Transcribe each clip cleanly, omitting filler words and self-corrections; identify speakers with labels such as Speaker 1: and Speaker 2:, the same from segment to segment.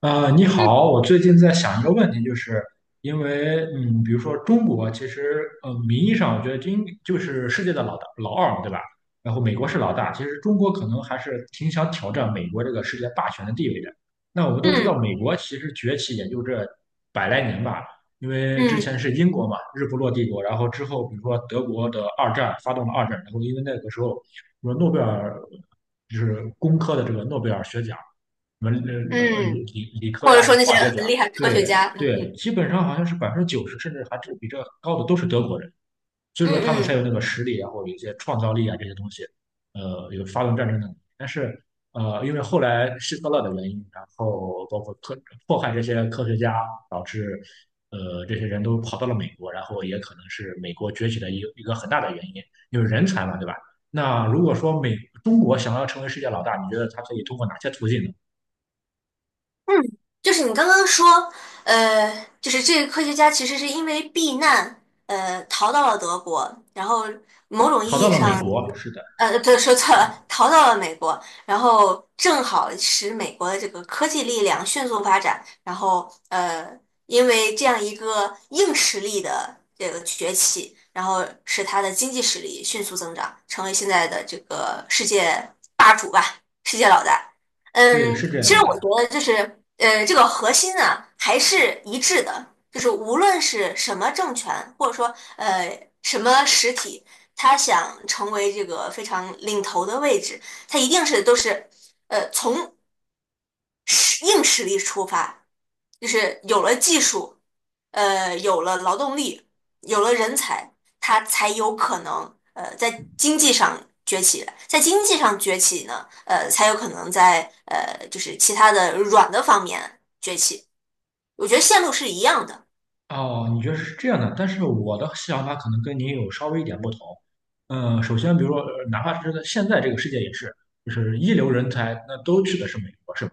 Speaker 1: 你
Speaker 2: 嗯
Speaker 1: 好，我最近在想一个问题，就是因为，嗯，比如说中国，名义上我觉得应就是世界的老大老二嘛，对吧？然后美国是老大，其实中国可能还是挺想挑战美国这个世界霸权的地位的。那我们都知
Speaker 2: 嗯
Speaker 1: 道，美国其实崛起也就这百来年吧，因为之
Speaker 2: 嗯
Speaker 1: 前是英国嘛，日不落帝国，然后之后比如说德国的二战发动了二战，然后因为那个时候，什么诺贝尔就是工科的这个诺贝尔学奖。什么理
Speaker 2: 嗯，
Speaker 1: 理理科
Speaker 2: 或者
Speaker 1: 呀、这
Speaker 2: 说那些
Speaker 1: 化学奖，
Speaker 2: 很厉害的科学
Speaker 1: 对
Speaker 2: 家，
Speaker 1: 对，基本上好像是百分之九十，甚至还是比这高的都是德国人，所以
Speaker 2: 嗯
Speaker 1: 说他们才有那
Speaker 2: 嗯
Speaker 1: 个实力啊，然后有一些创造力啊这些东西，有发动战争的能力。但是因为后来希特勒的原因，然后包括科迫害这些科学家，导致这些人都跑到了美国，然后也可能是美国崛起的一个很大的原因，因为人才嘛，对吧？那如果说美中国想要成为世界老大，你觉得它可以通过哪些途径呢？
Speaker 2: 就是你刚刚说，就是这个科学家其实是因为避难，逃到了德国。然后某种
Speaker 1: 逃
Speaker 2: 意
Speaker 1: 到
Speaker 2: 义
Speaker 1: 了美
Speaker 2: 上，
Speaker 1: 国，是的。
Speaker 2: 对，说错了，逃到了美国。然后正好使美国的这个科技力量迅速发展，然后因为这样一个硬实力的这个崛起，然后使它的经济实力迅速增长，成为现在的这个世界霸主吧，世界老大。
Speaker 1: 对，是这
Speaker 2: 其
Speaker 1: 样
Speaker 2: 实我
Speaker 1: 的。
Speaker 2: 觉得就是，这个核心呢还是一致的，就是无论是什么政权，或者说什么实体，他想成为这个非常领头的位置，他一定是都是，从硬实力出发，就是有了技术，有了劳动力，有了人才。它才有可能在经济上崛起呢，才有可能在就是其他的软的方面崛起。我觉得线路是一样的。
Speaker 1: 哦，你觉得是这样的，但是我的想法可能跟您有稍微一点不同。嗯，首先，比如说，哪怕是在现在这个世界也是，就是一流人才，那都去的是美国，是吧？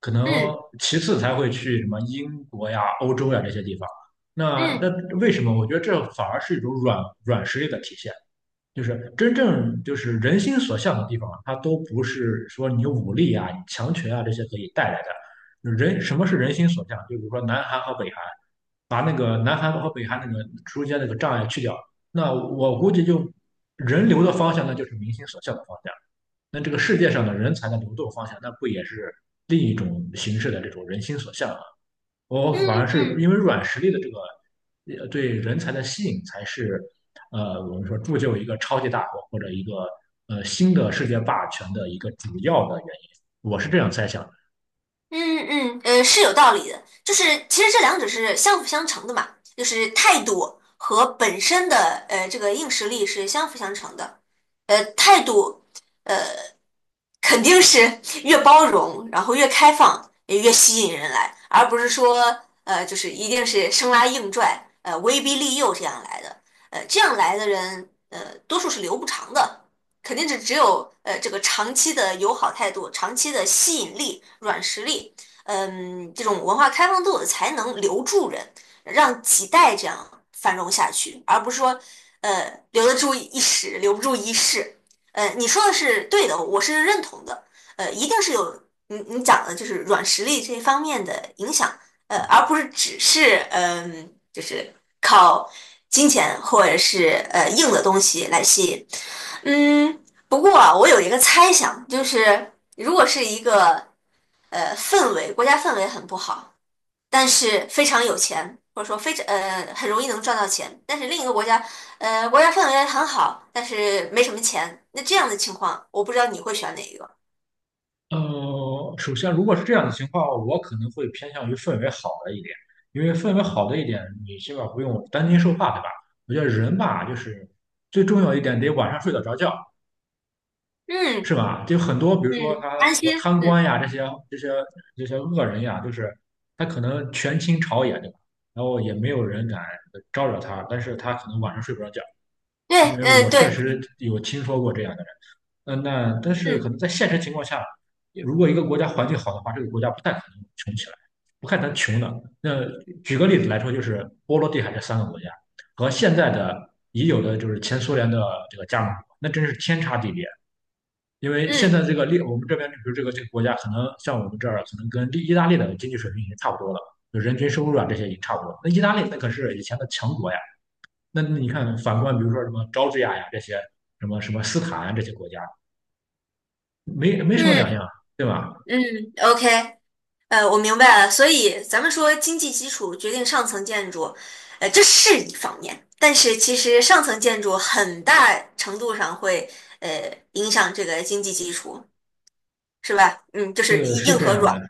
Speaker 1: 可能
Speaker 2: 嗯
Speaker 1: 其次才会去什么英国呀、欧洲呀这些地方。那
Speaker 2: 嗯
Speaker 1: 为什么？我觉得这反而是一种软实力的体现。就是真正就是人心所向的地方啊，它都不是说你武力啊、你强权啊这些可以带来的。人什么是人心所向？就比如说南韩和北韩，把那个南韩和北韩那个中间那个障碍去掉，那我估计就人流的方向，那就是民心所向的方向。那这个世界上的人才的流动方向，那不也是另一种形式的这种人心所向？我
Speaker 2: 嗯
Speaker 1: 反而是
Speaker 2: 嗯
Speaker 1: 因为软实力的这个对人才的吸引，才是我们说铸就一个超级大国或者一个新的世界霸权的一个主要的原因。我是这样猜想的。
Speaker 2: 嗯，是有道理的。就是其实这两者是相辅相成的嘛，就是态度和本身的这个硬实力是相辅相成的。态度肯定是越包容，然后越开放，也越吸引人来，而不是说就是一定是生拉硬拽，威逼利诱这样来的。这样来的人，多数是留不长的，肯定是只有这个长期的友好态度、长期的吸引力、软实力，这种文化开放度才能留住人，让几代这样繁荣下去，而不是说留得住一时，留不住一世。你说的是对的，我是认同的。一定是有你讲的就是软实力这方面的影响，而不是只是就是靠金钱或者是硬的东西来吸引。嗯，不过啊，我有一个猜想，就是如果是一个氛围，国家氛围很不好，但是非常有钱，或者说非常很容易能赚到钱。但是另一个国家，国家氛围很好，但是没什么钱。那这样的情况，我不知道你会选哪一个。
Speaker 1: 首先如果是这样的情况，我可能会偏向于氛围好的一点，因为氛围好的一点，你起码不用担惊受怕，对吧？我觉得人吧，就是最重要一点得晚上睡得着觉，是
Speaker 2: 嗯
Speaker 1: 吧？就很多，比如说
Speaker 2: 嗯，
Speaker 1: 他，比
Speaker 2: 安
Speaker 1: 如
Speaker 2: 心，
Speaker 1: 说贪官
Speaker 2: 嗯，
Speaker 1: 呀，这些这些恶人呀，就是他可能权倾朝野，对吧？然后也没有人敢招惹他，但是他可能晚上睡不着觉，
Speaker 2: 对，
Speaker 1: 因为
Speaker 2: 嗯
Speaker 1: 我确
Speaker 2: 对，
Speaker 1: 实有听说过这样的人。嗯，那但是可
Speaker 2: 嗯
Speaker 1: 能在现实情况下，如果一个国家环境好的话，这个国家不太可能穷起来，不太能穷的。那举个例子来说，就是波罗的海这三个国家和现在的已有的就是前苏联的这个加盟国，那真是天差地别。因为现
Speaker 2: 嗯
Speaker 1: 在这个利，我们这边比如这个国家，可能像我们这儿，可能跟利意大利的经济水平已经差不多了，就人均收入啊这些已经差不多了，那意大利那可是以前的强国呀。那你看，反观比如说什么乔治亚呀这些，什么什么斯坦啊这些国家，没什么两
Speaker 2: 嗯
Speaker 1: 样，对吧？
Speaker 2: 嗯，OK，我明白了。所以咱们说经济基础决定上层建筑，这是一方面，但是其实上层建筑很大程度上会呃影响这个经济基础。是吧？嗯，就是
Speaker 1: 对，是
Speaker 2: 硬
Speaker 1: 这
Speaker 2: 和
Speaker 1: 样
Speaker 2: 软
Speaker 1: 的。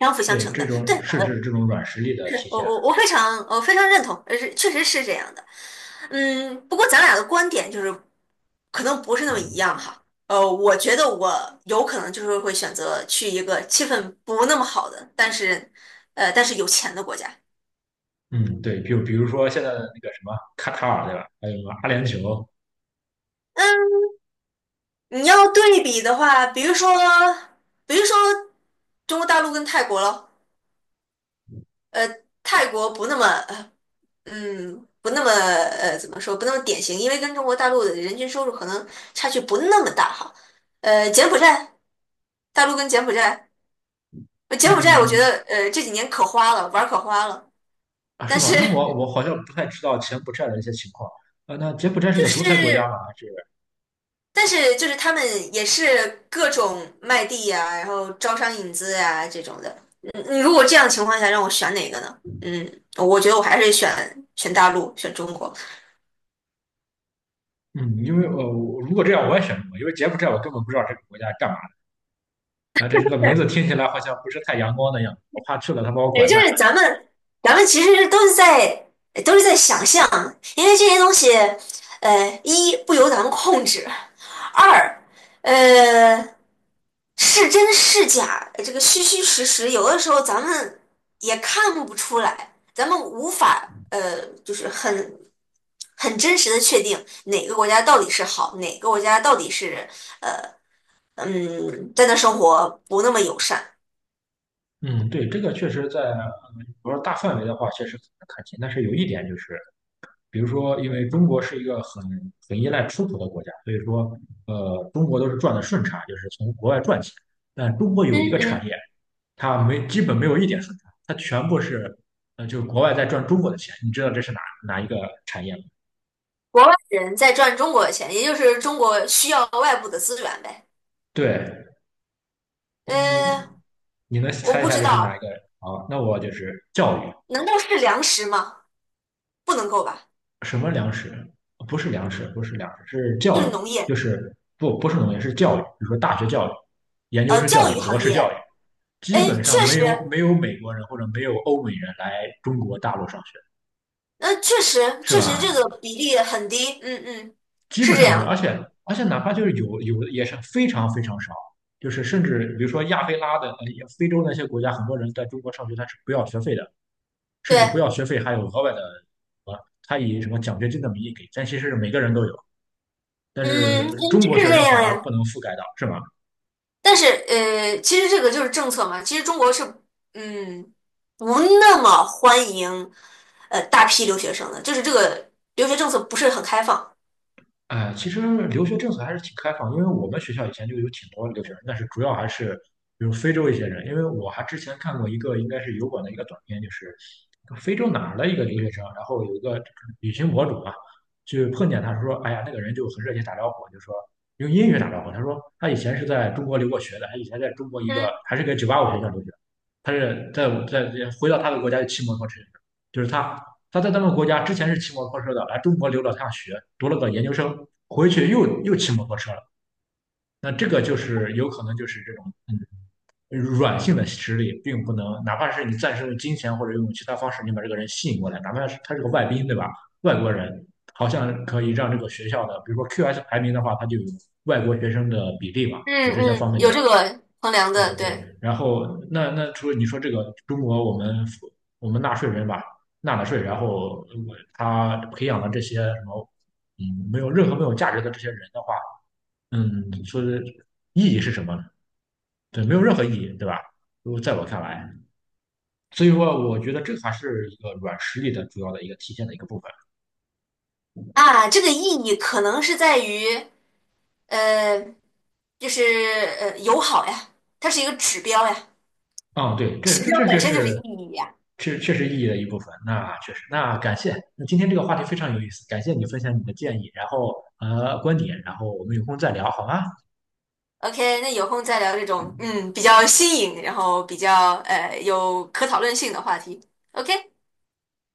Speaker 2: 相辅相
Speaker 1: 对，
Speaker 2: 成
Speaker 1: 这
Speaker 2: 的。对，
Speaker 1: 种是指这种软实力的体
Speaker 2: 我
Speaker 1: 现。
Speaker 2: 我我非常我非常认同，是确实是这样的。不过咱俩的观点就是可能不是那么一样哈。我觉得我有可能就是会选择去一个气氛不那么好的，但是有钱的国家。
Speaker 1: 嗯，对，比如说现在的那个什么卡塔尔，对吧？还有什么阿联酋。
Speaker 2: 你要对比的话，比如说中国大陆跟泰国咯。呃，泰国不那么呃嗯，不那么呃，怎么说，不那么典型，因为跟中国大陆的人均收入可能差距不那么大哈。柬埔寨，大陆跟柬埔寨。柬埔寨我觉
Speaker 1: 嗯，
Speaker 2: 得这几年可花了，玩儿可花了，
Speaker 1: 啊，是
Speaker 2: 但
Speaker 1: 吗？
Speaker 2: 是
Speaker 1: 那我 我好像不太知道柬埔寨的一些情况。啊，那柬埔寨是
Speaker 2: 就
Speaker 1: 个独裁国家吗？
Speaker 2: 是
Speaker 1: 还是
Speaker 2: 但是就是他们也是各种卖地呀、然后招商引资呀、这种的。嗯，你如果这样的情况下让我选哪个呢？嗯，我觉得我还是选大陆，选中国。
Speaker 1: 嗯，因为我如果这样我也选不过，因为柬埔寨我根本不知道这个国家干嘛的。啊，这个名字听起来好像不是太阳光的样子，我怕去了他把我
Speaker 2: 对，
Speaker 1: 拐
Speaker 2: 就
Speaker 1: 卖了。
Speaker 2: 是咱们其实都是在想象，因为这些东西，一不由咱们控制，二，呃，是真是假，这个虚虚实实，有的时候咱们也看不出来，咱们无法，就是很真实的确定哪个国家到底是好，哪个国家到底是，呃，在那生活不那么友善。
Speaker 1: 嗯，对，这个确实在，比说大范围的话，确实很难看清。但是有一点就是，比如说，因为中国是一个很依赖出口的国家，所以说，中国都是赚的顺差，就是从国外赚钱。但中国有
Speaker 2: 嗯
Speaker 1: 一个产
Speaker 2: 嗯。
Speaker 1: 业。它没基本没有一点顺差，它全部是就是国外在赚中国的钱，你知道这是哪一个产业吗？
Speaker 2: 国外人在赚中国的钱，也就是中国需要外部的资源呗。
Speaker 1: 对，你
Speaker 2: 呃，
Speaker 1: 你能
Speaker 2: 我
Speaker 1: 猜一
Speaker 2: 不
Speaker 1: 下
Speaker 2: 知
Speaker 1: 这是哪一个？
Speaker 2: 道，
Speaker 1: 好，那我就是教育，
Speaker 2: 难道是粮食吗？不能够吧？
Speaker 1: 什么粮食？不是粮食,是教
Speaker 2: 就
Speaker 1: 育，
Speaker 2: 是农业。
Speaker 1: 就是不是农业，是教育，比如说大学教育、研究生教
Speaker 2: 教
Speaker 1: 育、
Speaker 2: 育
Speaker 1: 博
Speaker 2: 行
Speaker 1: 士
Speaker 2: 业。
Speaker 1: 教育，
Speaker 2: 哎，
Speaker 1: 基本上
Speaker 2: 确
Speaker 1: 没
Speaker 2: 实，
Speaker 1: 有没有美国人或者没有欧美人来中国大陆上学，
Speaker 2: 确实，
Speaker 1: 是
Speaker 2: 确实这
Speaker 1: 吧？
Speaker 2: 个比例很低。嗯嗯，
Speaker 1: 基
Speaker 2: 是
Speaker 1: 本
Speaker 2: 这
Speaker 1: 上没有，
Speaker 2: 样
Speaker 1: 而且
Speaker 2: 的，
Speaker 1: 而且哪怕就是有的也是非常非常少，就是甚至比如说亚非拉的、非洲那些国家，很多人在中国上学他是不要学费的，甚至不
Speaker 2: 对，
Speaker 1: 要学费还有额外的，呃，他以什么奖学金的名义给，但其实是每个人都有，但
Speaker 2: 嗯
Speaker 1: 是
Speaker 2: 嗯，
Speaker 1: 中
Speaker 2: 是
Speaker 1: 国学
Speaker 2: 这
Speaker 1: 生反
Speaker 2: 样
Speaker 1: 而
Speaker 2: 呀。
Speaker 1: 不能覆盖到，是吗？
Speaker 2: 但是，其实这个就是政策嘛。其实中国是，嗯，不那么欢迎，大批留学生的，就是这个留学政策不是很开放。
Speaker 1: 哎，其实留学政策还是挺开放，因为我们学校以前就有挺多留学生，但是主要还是比如非洲一些人，因为我还之前看过一个应该是油管的一个短片，就是非洲哪儿的一个留学生，然后有一个旅行博主啊，就碰见他说，哎呀，那个人就很热情打招呼，就说用英语打招呼，他说他以前是在中国留过学的，他以前在中国一个
Speaker 2: 嗯。
Speaker 1: 还是个985学校留学，他是在回到他的国家就骑摩托车，就是他在那们国家之前是骑摩托车的，来中国留了趟学，读了个研究生，回去又骑摩托车了。那这个就是有可能就是这种软性的实力，并不能，哪怕是你暂时用金钱或者用其他方式，你把这个人吸引过来，哪怕是他是个外宾，对吧？外国人好像可以让这个学校的，比如说 QS 排名的话，它就有外国学生的比例嘛，
Speaker 2: 嗯
Speaker 1: 有这些方
Speaker 2: 嗯，
Speaker 1: 面
Speaker 2: 有
Speaker 1: 的，
Speaker 2: 这个衡量
Speaker 1: 对
Speaker 2: 的，对
Speaker 1: 对，然后那除了你说这个中国，我们纳税人吧，纳了税，然后我他培养了这些什么，嗯，没有价值的这些人的话，嗯，说的意义是什么呢？对，没有任何意义，对吧？如果在我看来，所以说我觉得这还是一个软实力的主要的一个体现的一个部分。
Speaker 2: 啊，这个意义可能是在于，呃，就是友好呀，它是一个指标呀。
Speaker 1: 哦，对，这
Speaker 2: 指
Speaker 1: 这
Speaker 2: 标
Speaker 1: 这
Speaker 2: 本
Speaker 1: 确
Speaker 2: 身就是
Speaker 1: 实，
Speaker 2: 意义呀。
Speaker 1: 确确实意义的一部分。那确实，那感谢。那今天这个话题非常有意思，感谢你分享你的建议，然后观点，然后我们有空再聊，好吗？
Speaker 2: OK，那有空再聊这种比较新颖，然后比较有可讨论性的话题。OK。